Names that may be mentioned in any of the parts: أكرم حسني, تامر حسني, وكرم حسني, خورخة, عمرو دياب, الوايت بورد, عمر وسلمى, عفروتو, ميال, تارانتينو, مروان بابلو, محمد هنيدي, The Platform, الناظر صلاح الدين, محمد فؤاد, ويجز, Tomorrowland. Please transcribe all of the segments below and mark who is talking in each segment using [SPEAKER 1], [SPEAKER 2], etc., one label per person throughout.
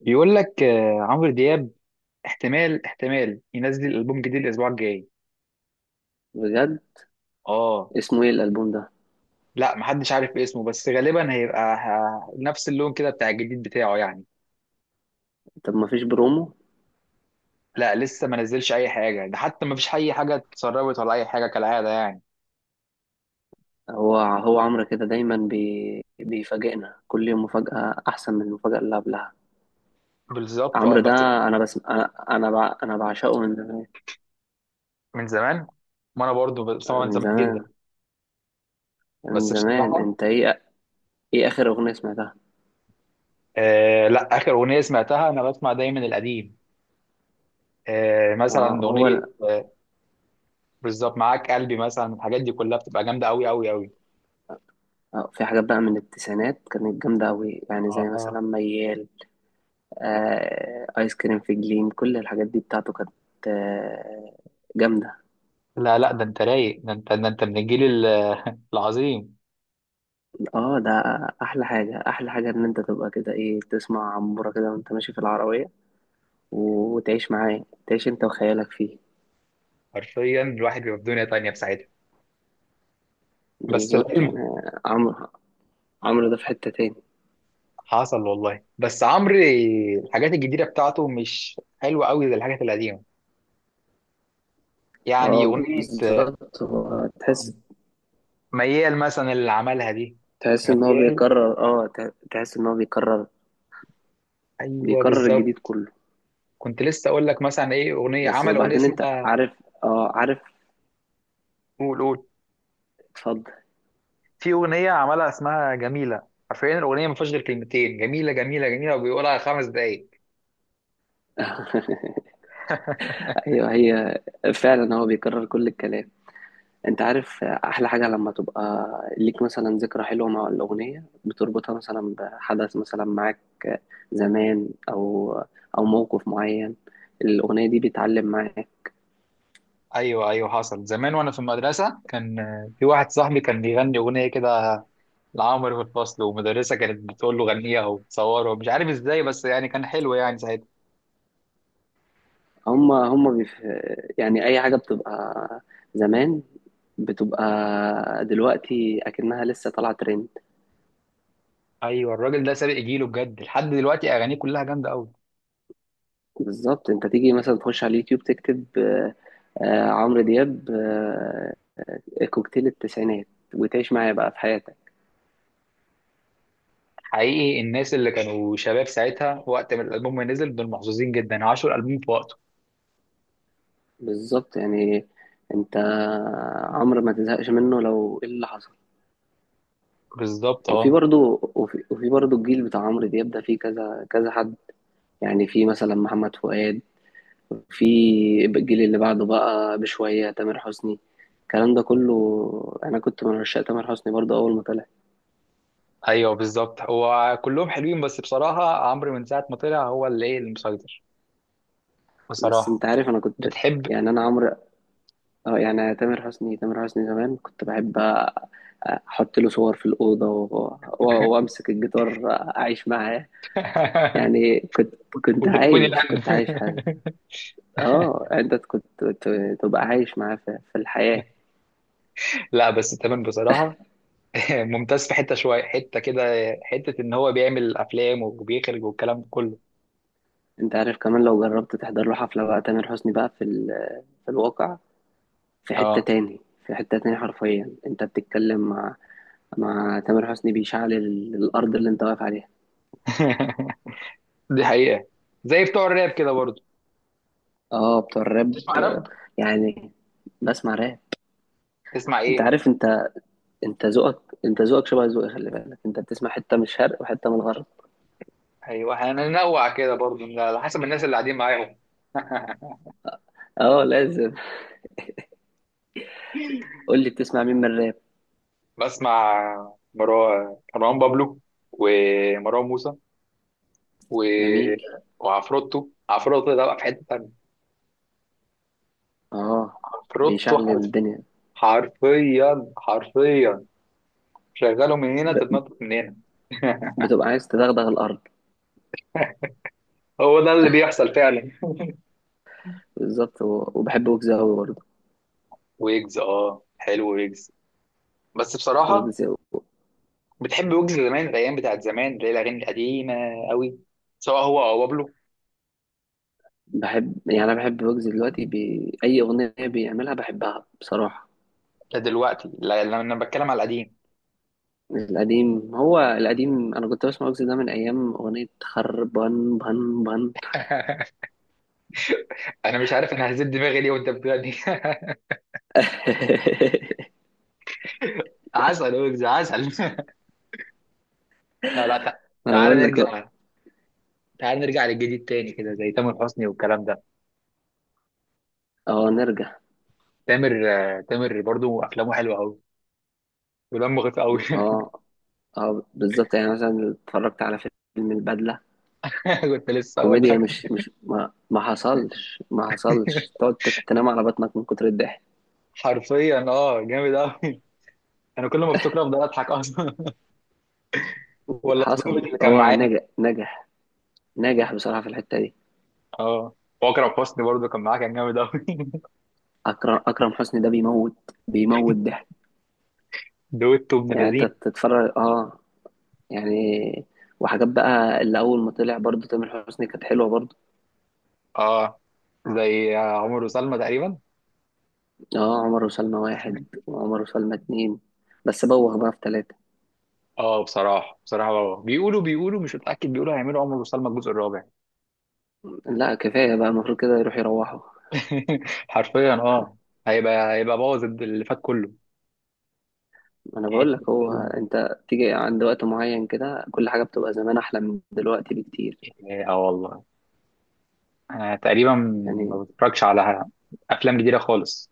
[SPEAKER 1] بيقول لك آه، عمرو دياب احتمال ينزل البوم جديد الاسبوع الجاي.
[SPEAKER 2] بجد؟
[SPEAKER 1] اه،
[SPEAKER 2] اسمه ايه الالبوم ده؟
[SPEAKER 1] لا محدش عارف اسمه، بس غالبا هيبقى نفس اللون كده بتاع الجديد بتاعه يعني.
[SPEAKER 2] طب ما فيش برومو؟
[SPEAKER 1] لا لسه ما نزلش اي حاجه، ده حتى ما فيش اي حاجه اتسربت ولا اي حاجه كالعاده يعني.
[SPEAKER 2] هو هو عمرو كده دايما، بيفاجئنا كل يوم مفاجأة أحسن من المفاجأة اللي قبلها.
[SPEAKER 1] بالظبط اه.
[SPEAKER 2] عمرو ده،
[SPEAKER 1] بس
[SPEAKER 2] أنا بس أنا بعشقه من زمان.
[SPEAKER 1] من زمان، ما انا برضو بسمع من
[SPEAKER 2] من
[SPEAKER 1] زمان جدا.
[SPEAKER 2] زمان. من
[SPEAKER 1] بس
[SPEAKER 2] زمان،
[SPEAKER 1] بصراحه،
[SPEAKER 2] أنت إيه؟ إيه آخر أغنية سمعتها؟
[SPEAKER 1] آه لا، اخر اغنيه سمعتها، انا بسمع دايما القديم. آه مثلا
[SPEAKER 2] آه،
[SPEAKER 1] اغنيه
[SPEAKER 2] هو.
[SPEAKER 1] بالظبط معاك قلبي، مثلا الحاجات دي كلها بتبقى جامده قوي قوي قوي.
[SPEAKER 2] آه، في حاجات بقى من التسعينات كانت جامدة أوي، يعني زي مثلا
[SPEAKER 1] اه.
[SPEAKER 2] ميال. آه، آيس كريم في جليم، كل الحاجات دي بتاعته كانت آه جامدة.
[SPEAKER 1] لا لا، ده انت رايق، ده انت، ده انت من الجيل العظيم.
[SPEAKER 2] اه، ده احلى حاجة، احلى حاجة ان انت تبقى كده ايه، تسمع عمورة كده وانت ماشي في العربية، وتعيش معاه، تعيش انت وخيالك فيه.
[SPEAKER 1] حرفيا الواحد بيبقى في دنيا تانية في ساعتها. بس
[SPEAKER 2] بالظبط يعني.
[SPEAKER 1] العلم
[SPEAKER 2] عمرو، عمرو ده في حتة تاني.
[SPEAKER 1] حصل والله. بس عمرو الحاجات الجديدة بتاعته مش حلوة قوي زي الحاجات القديمة. يعني
[SPEAKER 2] اه
[SPEAKER 1] أغنية آه،
[SPEAKER 2] بالظبط، هو تحس،
[SPEAKER 1] ميال مثلا اللي عملها دي.
[SPEAKER 2] تحس ان هو
[SPEAKER 1] ميال.
[SPEAKER 2] بيكرر، تحس ان هو بيكرر،
[SPEAKER 1] أيوه
[SPEAKER 2] بيكرر الجديد
[SPEAKER 1] بالظبط.
[SPEAKER 2] كله.
[SPEAKER 1] كنت لسه أقول لك مثلا إيه، أغنية
[SPEAKER 2] بس
[SPEAKER 1] عمل أغنية
[SPEAKER 2] وبعدين انت
[SPEAKER 1] اسمها.
[SPEAKER 2] عارف،
[SPEAKER 1] قول قول.
[SPEAKER 2] اتفضل.
[SPEAKER 1] في أغنية عملها اسمها جميلة. حرفيا الأغنية ما فيهاش غير كلمتين، جميلة جميلة جميلة، وبيقولها خمس دقايق.
[SPEAKER 2] ايوه هي، فعلا هو بيكرر كل الكلام. انت عارف احلى حاجة لما تبقى ليك مثلا ذكرى حلوة مع الأغنية، بتربطها مثلا بحدث مثلا معاك زمان، او او موقف معين، الأغنية دي بيتعلم معاك.
[SPEAKER 1] ايوه ايوه. حصل زمان وانا في المدرسه، كان في واحد صاحبي كان بيغني اغنيه كده لعمرو في الفصل، ومدرسه كانت بتقول له غنيها وتصوره، مش عارف ازاي، بس يعني كان حلو يعني ساعتها.
[SPEAKER 2] هما هما بيف... يعني اي حاجة بتبقى زمان بتبقى دلوقتي اكنها لسه طالعة ترند.
[SPEAKER 1] ايوه، الراجل ده سابق جيله بجد، لحد دلوقتي اغانيه كلها جامده قوي.
[SPEAKER 2] بالظبط، انت تيجي مثلا تخش على اليوتيوب تكتب، عمرو دياب، كوكتيل التسعينات، وتعيش معايا بقى في حياتك.
[SPEAKER 1] حقيقي الناس اللي كانوا شباب ساعتها وقت ما الالبوم ما نزل، دول محظوظين جدا، عاشوا الالبوم في وقته.
[SPEAKER 2] بالظبط يعني. انت، عمرو ما تزهقش منه لو ايه اللي حصل.
[SPEAKER 1] بالظبط
[SPEAKER 2] وفي
[SPEAKER 1] اه.
[SPEAKER 2] برضو وفي, وفي برضو الجيل بتاع عمرو دياب ده فيه كذا كذا حد. يعني في مثلا محمد فؤاد، في الجيل اللي بعده بقى بشوية تامر حسني، الكلام ده كله. انا كنت من عشاق تامر حسني برضو اول ما طلع.
[SPEAKER 1] ايوه بالظبط، هو كلهم حلوين، بس بصراحه عمرو من ساعه ما طلع هو اللي ايه المسيطر،
[SPEAKER 2] بس
[SPEAKER 1] بصراحه.
[SPEAKER 2] انت عارف انا كنت،
[SPEAKER 1] بتحب.
[SPEAKER 2] يعني انا عمرو، اه يعني تامر حسني، تامر حسني زمان كنت بحب احط له صور في الأوضة، وامسك الجيتار، اعيش معاه. يعني كنت كنت
[SPEAKER 1] وتليفوني
[SPEAKER 2] عايش
[SPEAKER 1] الان.
[SPEAKER 2] كنت عايش حاجة. اه انت كنت تبقى عايش معاه في الحياة.
[SPEAKER 1] لا بس تمام بصراحه. ممتاز في حته، شويه حته كده، حته ان هو بيعمل افلام وبيخرج والكلام ده كله.
[SPEAKER 2] انت عارف كمان لو جربت تحضر له حفلة بقى تامر حسني بقى في الواقع، في حتة
[SPEAKER 1] اه.
[SPEAKER 2] تاني. في حتة تاني، حرفيا انت بتتكلم مع تامر حسني، بيشعل الأرض اللي انت واقف عليها.
[SPEAKER 1] دي حقيقه، زي بتوع الراب كده برضه.
[SPEAKER 2] اه بتوع الراب،
[SPEAKER 1] تسمع راب؟
[SPEAKER 2] يعني بسمع راب.
[SPEAKER 1] تسمع
[SPEAKER 2] انت
[SPEAKER 1] ايه؟
[SPEAKER 2] عارف، انت ذوقك، انت ذوقك شبه ذوقي، خلي بالك انت بتسمع حتة من الشرق وحتة من الغرب.
[SPEAKER 1] ايوه هننوع كده برضه على حسب الناس اللي قاعدين معاهم.
[SPEAKER 2] اه لازم. قول لي بتسمع مين من الراب.
[SPEAKER 1] بسمع مروان بابلو، ومروان موسى، و...
[SPEAKER 2] جميل.
[SPEAKER 1] وعفروتو. عفروتو ده بقى في حته تانيه.
[SPEAKER 2] اه
[SPEAKER 1] عفروتو
[SPEAKER 2] بيشعل الدنيا،
[SPEAKER 1] حرفيا حرفيا، شغاله من هنا
[SPEAKER 2] ب...
[SPEAKER 1] تتنطط من هنا.
[SPEAKER 2] بتبقى عايز تدغدغ الارض.
[SPEAKER 1] هو ده اللي بيحصل فعلا.
[SPEAKER 2] بالظبط، وبحب ويجز قوي برضه.
[SPEAKER 1] ويجز، اه حلو ويجز. بس بصراحه
[SPEAKER 2] ويجز
[SPEAKER 1] بتحب ويجز زمان، الايام بتاعت زمان اللي هي الاغاني القديمه قوي، سواء هو او بابلو.
[SPEAKER 2] بحب، يعني انا بحب ويجز دلوقتي، اي اغنيه بيعملها بحبها بصراحه.
[SPEAKER 1] دلوقتي لما انا بتكلم على القديم.
[SPEAKER 2] القديم هو القديم، انا كنت بسمع ويجز ده من ايام اغنيه خربان بان بان.
[SPEAKER 1] انا مش عارف انا هزيد دماغي ليه وانت بتغني. عسل ويجز عسل. لا لا
[SPEAKER 2] انا
[SPEAKER 1] تعال
[SPEAKER 2] بقول لك اه،
[SPEAKER 1] نرجع. تعال نرجع للجديد تاني كده، زي تامر حسني والكلام ده.
[SPEAKER 2] نرجع.
[SPEAKER 1] تامر، آه، تامر برضو افلامه حلوه قوي ودمه خفيف قوي.
[SPEAKER 2] اه، اه بالظبط يعني، مثلا اتفرجت على فيلم البدله،
[SPEAKER 1] كنت لسه اقول
[SPEAKER 2] كوميديا،
[SPEAKER 1] لك.
[SPEAKER 2] مش مش ما, ما حصلش ما حصلش تقعد تنام على بطنك من كتر الضحك.
[SPEAKER 1] حرفيا اه جامد قوي. انا كل ما افتكر افضل اضحك اصلا. ولا الظابط
[SPEAKER 2] حصل،
[SPEAKER 1] اللي كان
[SPEAKER 2] هو
[SPEAKER 1] معاه.
[SPEAKER 2] نجح نجح نجح بصراحة في الحتة دي.
[SPEAKER 1] اه. واكرم حسني برضه كان معاه كان جامد قوي.
[SPEAKER 2] أكرم حسني ده بيموت ضحك
[SPEAKER 1] دويتو ابن
[SPEAKER 2] يعني. أنت
[SPEAKER 1] لذين.
[SPEAKER 2] تتفرج أه، يعني وحاجات بقى اللي أول ما طلع برضه تامر حسني كانت حلوة برضه.
[SPEAKER 1] اه زي عمر وسلمى تقريبا.
[SPEAKER 2] أه، عمر وسلمى واحد، وعمر وسلمى اتنين، بس بوغ بقى في تلاتة.
[SPEAKER 1] اه بصراحه بصراحه، آه، بيقولوا مش متاكد، بيقولوا هيعملوا عمر وسلمى الجزء الرابع.
[SPEAKER 2] لا، كفاية بقى، المفروض كده يروح يروحوا.
[SPEAKER 1] حرفيا اه. هيبقى، هيبقى بوظ اللي فات كله.
[SPEAKER 2] ما أنا بقول
[SPEAKER 1] حته
[SPEAKER 2] لك، هو
[SPEAKER 1] الفيلم ده.
[SPEAKER 2] أنت تيجي عند وقت معين كده كل حاجة بتبقى زمان أحلى من دلوقتي بكتير.
[SPEAKER 1] اه والله انا تقريبا
[SPEAKER 2] يعني
[SPEAKER 1] ما بتفرجش على افلام جديده خالص.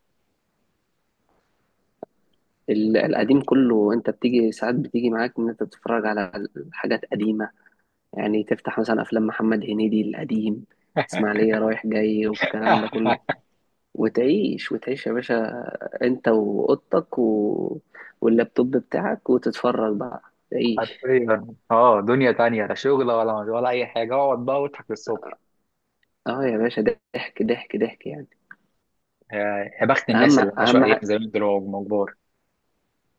[SPEAKER 2] القديم كله، انت بتيجي ساعات بتيجي معاك ان انت تتفرج على حاجات قديمة. يعني تفتح مثلا افلام محمد هنيدي القديم، اسماعيلية رايح جاي والكلام ده كله، وتعيش، وتعيش يا باشا، انت واوضتك واللابتوب بتاعك، وتتفرج بقى، تعيش.
[SPEAKER 1] حرفيا اه، دنيا تانية، لا شغل ولا اي حاجه، اقعد بقى واضحك للصبح.
[SPEAKER 2] اه يا باشا، ضحك ضحك ضحك يعني.
[SPEAKER 1] يا، يا بخت
[SPEAKER 2] اهم
[SPEAKER 1] الناس اللي عاشوا
[SPEAKER 2] اهم
[SPEAKER 1] ايام زمان دول وهم كبار.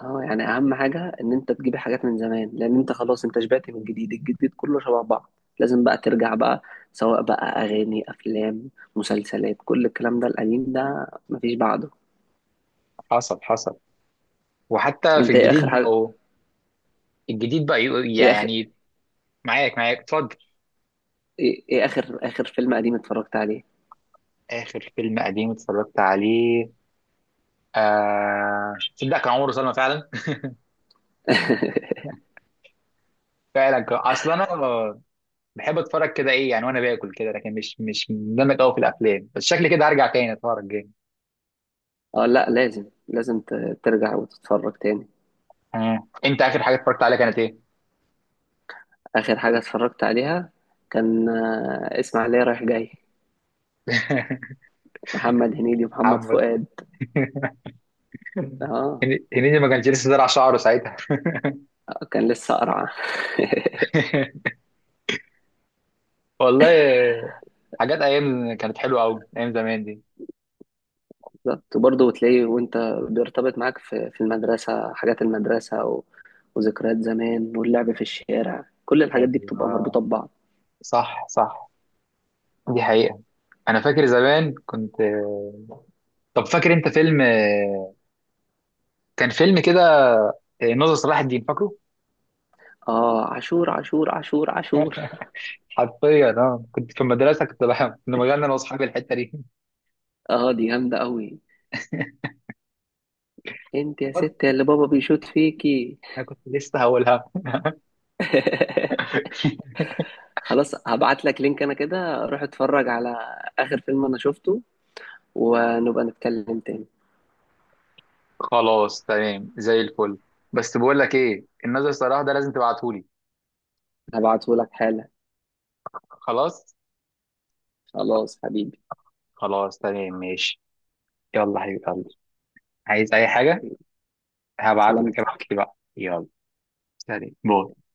[SPEAKER 2] اه يعني اهم حاجه ان انت تجيب حاجات من زمان، لان انت خلاص انت شبعت من الجديد، الجديد كله شبه بعض. لازم بقى ترجع بقى، سواء بقى اغاني، افلام، مسلسلات، كل الكلام ده، القديم ده مفيش بعده.
[SPEAKER 1] حصل حصل. وحتى في
[SPEAKER 2] انت ايه اخر
[SPEAKER 1] الجديد
[SPEAKER 2] حاجه،
[SPEAKER 1] بقوا الجديد بقى
[SPEAKER 2] ايه اخر
[SPEAKER 1] يعني معاك معاك اتفضل.
[SPEAKER 2] ايه إيه اخر اخر فيلم قديم اتفرجت عليه؟
[SPEAKER 1] اخر فيلم قديم اتفرجت عليه، آه تصدق كان عمره سلمى فعلا. فعلا اصل انا بحب اتفرج كده ايه يعني وانا باكل كده، لكن مش مندمج قوي في الافلام، بس شكلي كده هرجع تاني اتفرج جامد.
[SPEAKER 2] اه لا، لازم ترجع وتتفرج تاني.
[SPEAKER 1] آه. انت اخر حاجه اتفرجت عليها كانت ايه؟
[SPEAKER 2] اخر حاجه اتفرجت عليها كان اسماعيليه رايح جاي، محمد هنيدي ومحمد
[SPEAKER 1] محمد
[SPEAKER 2] فؤاد.
[SPEAKER 1] هن-
[SPEAKER 2] اه
[SPEAKER 1] هنيدي ما كانش لسه زرع شعره ساعتها.
[SPEAKER 2] كان لسه قرعه.
[SPEAKER 1] والله حاجات، ايام كانت حلوه قوي ايام زمان دي.
[SPEAKER 2] بالظبط، وبرضه تلاقيه وانت، بيرتبط معاك في المدرسة، حاجات المدرسة، وذكريات زمان، واللعب في الشارع، كل الحاجات دي بتبقى
[SPEAKER 1] ايوه
[SPEAKER 2] مربوطة ببعض.
[SPEAKER 1] صح صح، دي حقيقه. انا فاكر زمان كنت. طب فاكر انت فيلم، كان فيلم كده، ناظر صلاح الدين، فاكره؟
[SPEAKER 2] اه عاشور عاشور عاشور عاشور.
[SPEAKER 1] حرفيا اه، كنت في المدرسه كنت بحب، كنا بغني انا واصحابي الحته دي.
[SPEAKER 2] اه دي جامدة قوي، انت يا
[SPEAKER 1] وات،
[SPEAKER 2] ست اللي بابا بيشوط فيكي.
[SPEAKER 1] انا كنت لسه هقولها.
[SPEAKER 2] خلاص، هبعت لك لينك انا كده، روح اتفرج على اخر فيلم انا شفته، ونبقى نتكلم تاني.
[SPEAKER 1] خلاص تمام زي الفل. بس بقول لك ايه، الناظر صلاح ده لازم تبعتهولي.
[SPEAKER 2] هبعته لك حالا.
[SPEAKER 1] خلاص.
[SPEAKER 2] خلاص حبيبي،
[SPEAKER 1] خلاص تمام ماشي. يلا حبيبي، عايز اي حاجه هبعت لك،
[SPEAKER 2] سلام.
[SPEAKER 1] ابعت لي بقى يلا. سلام باي.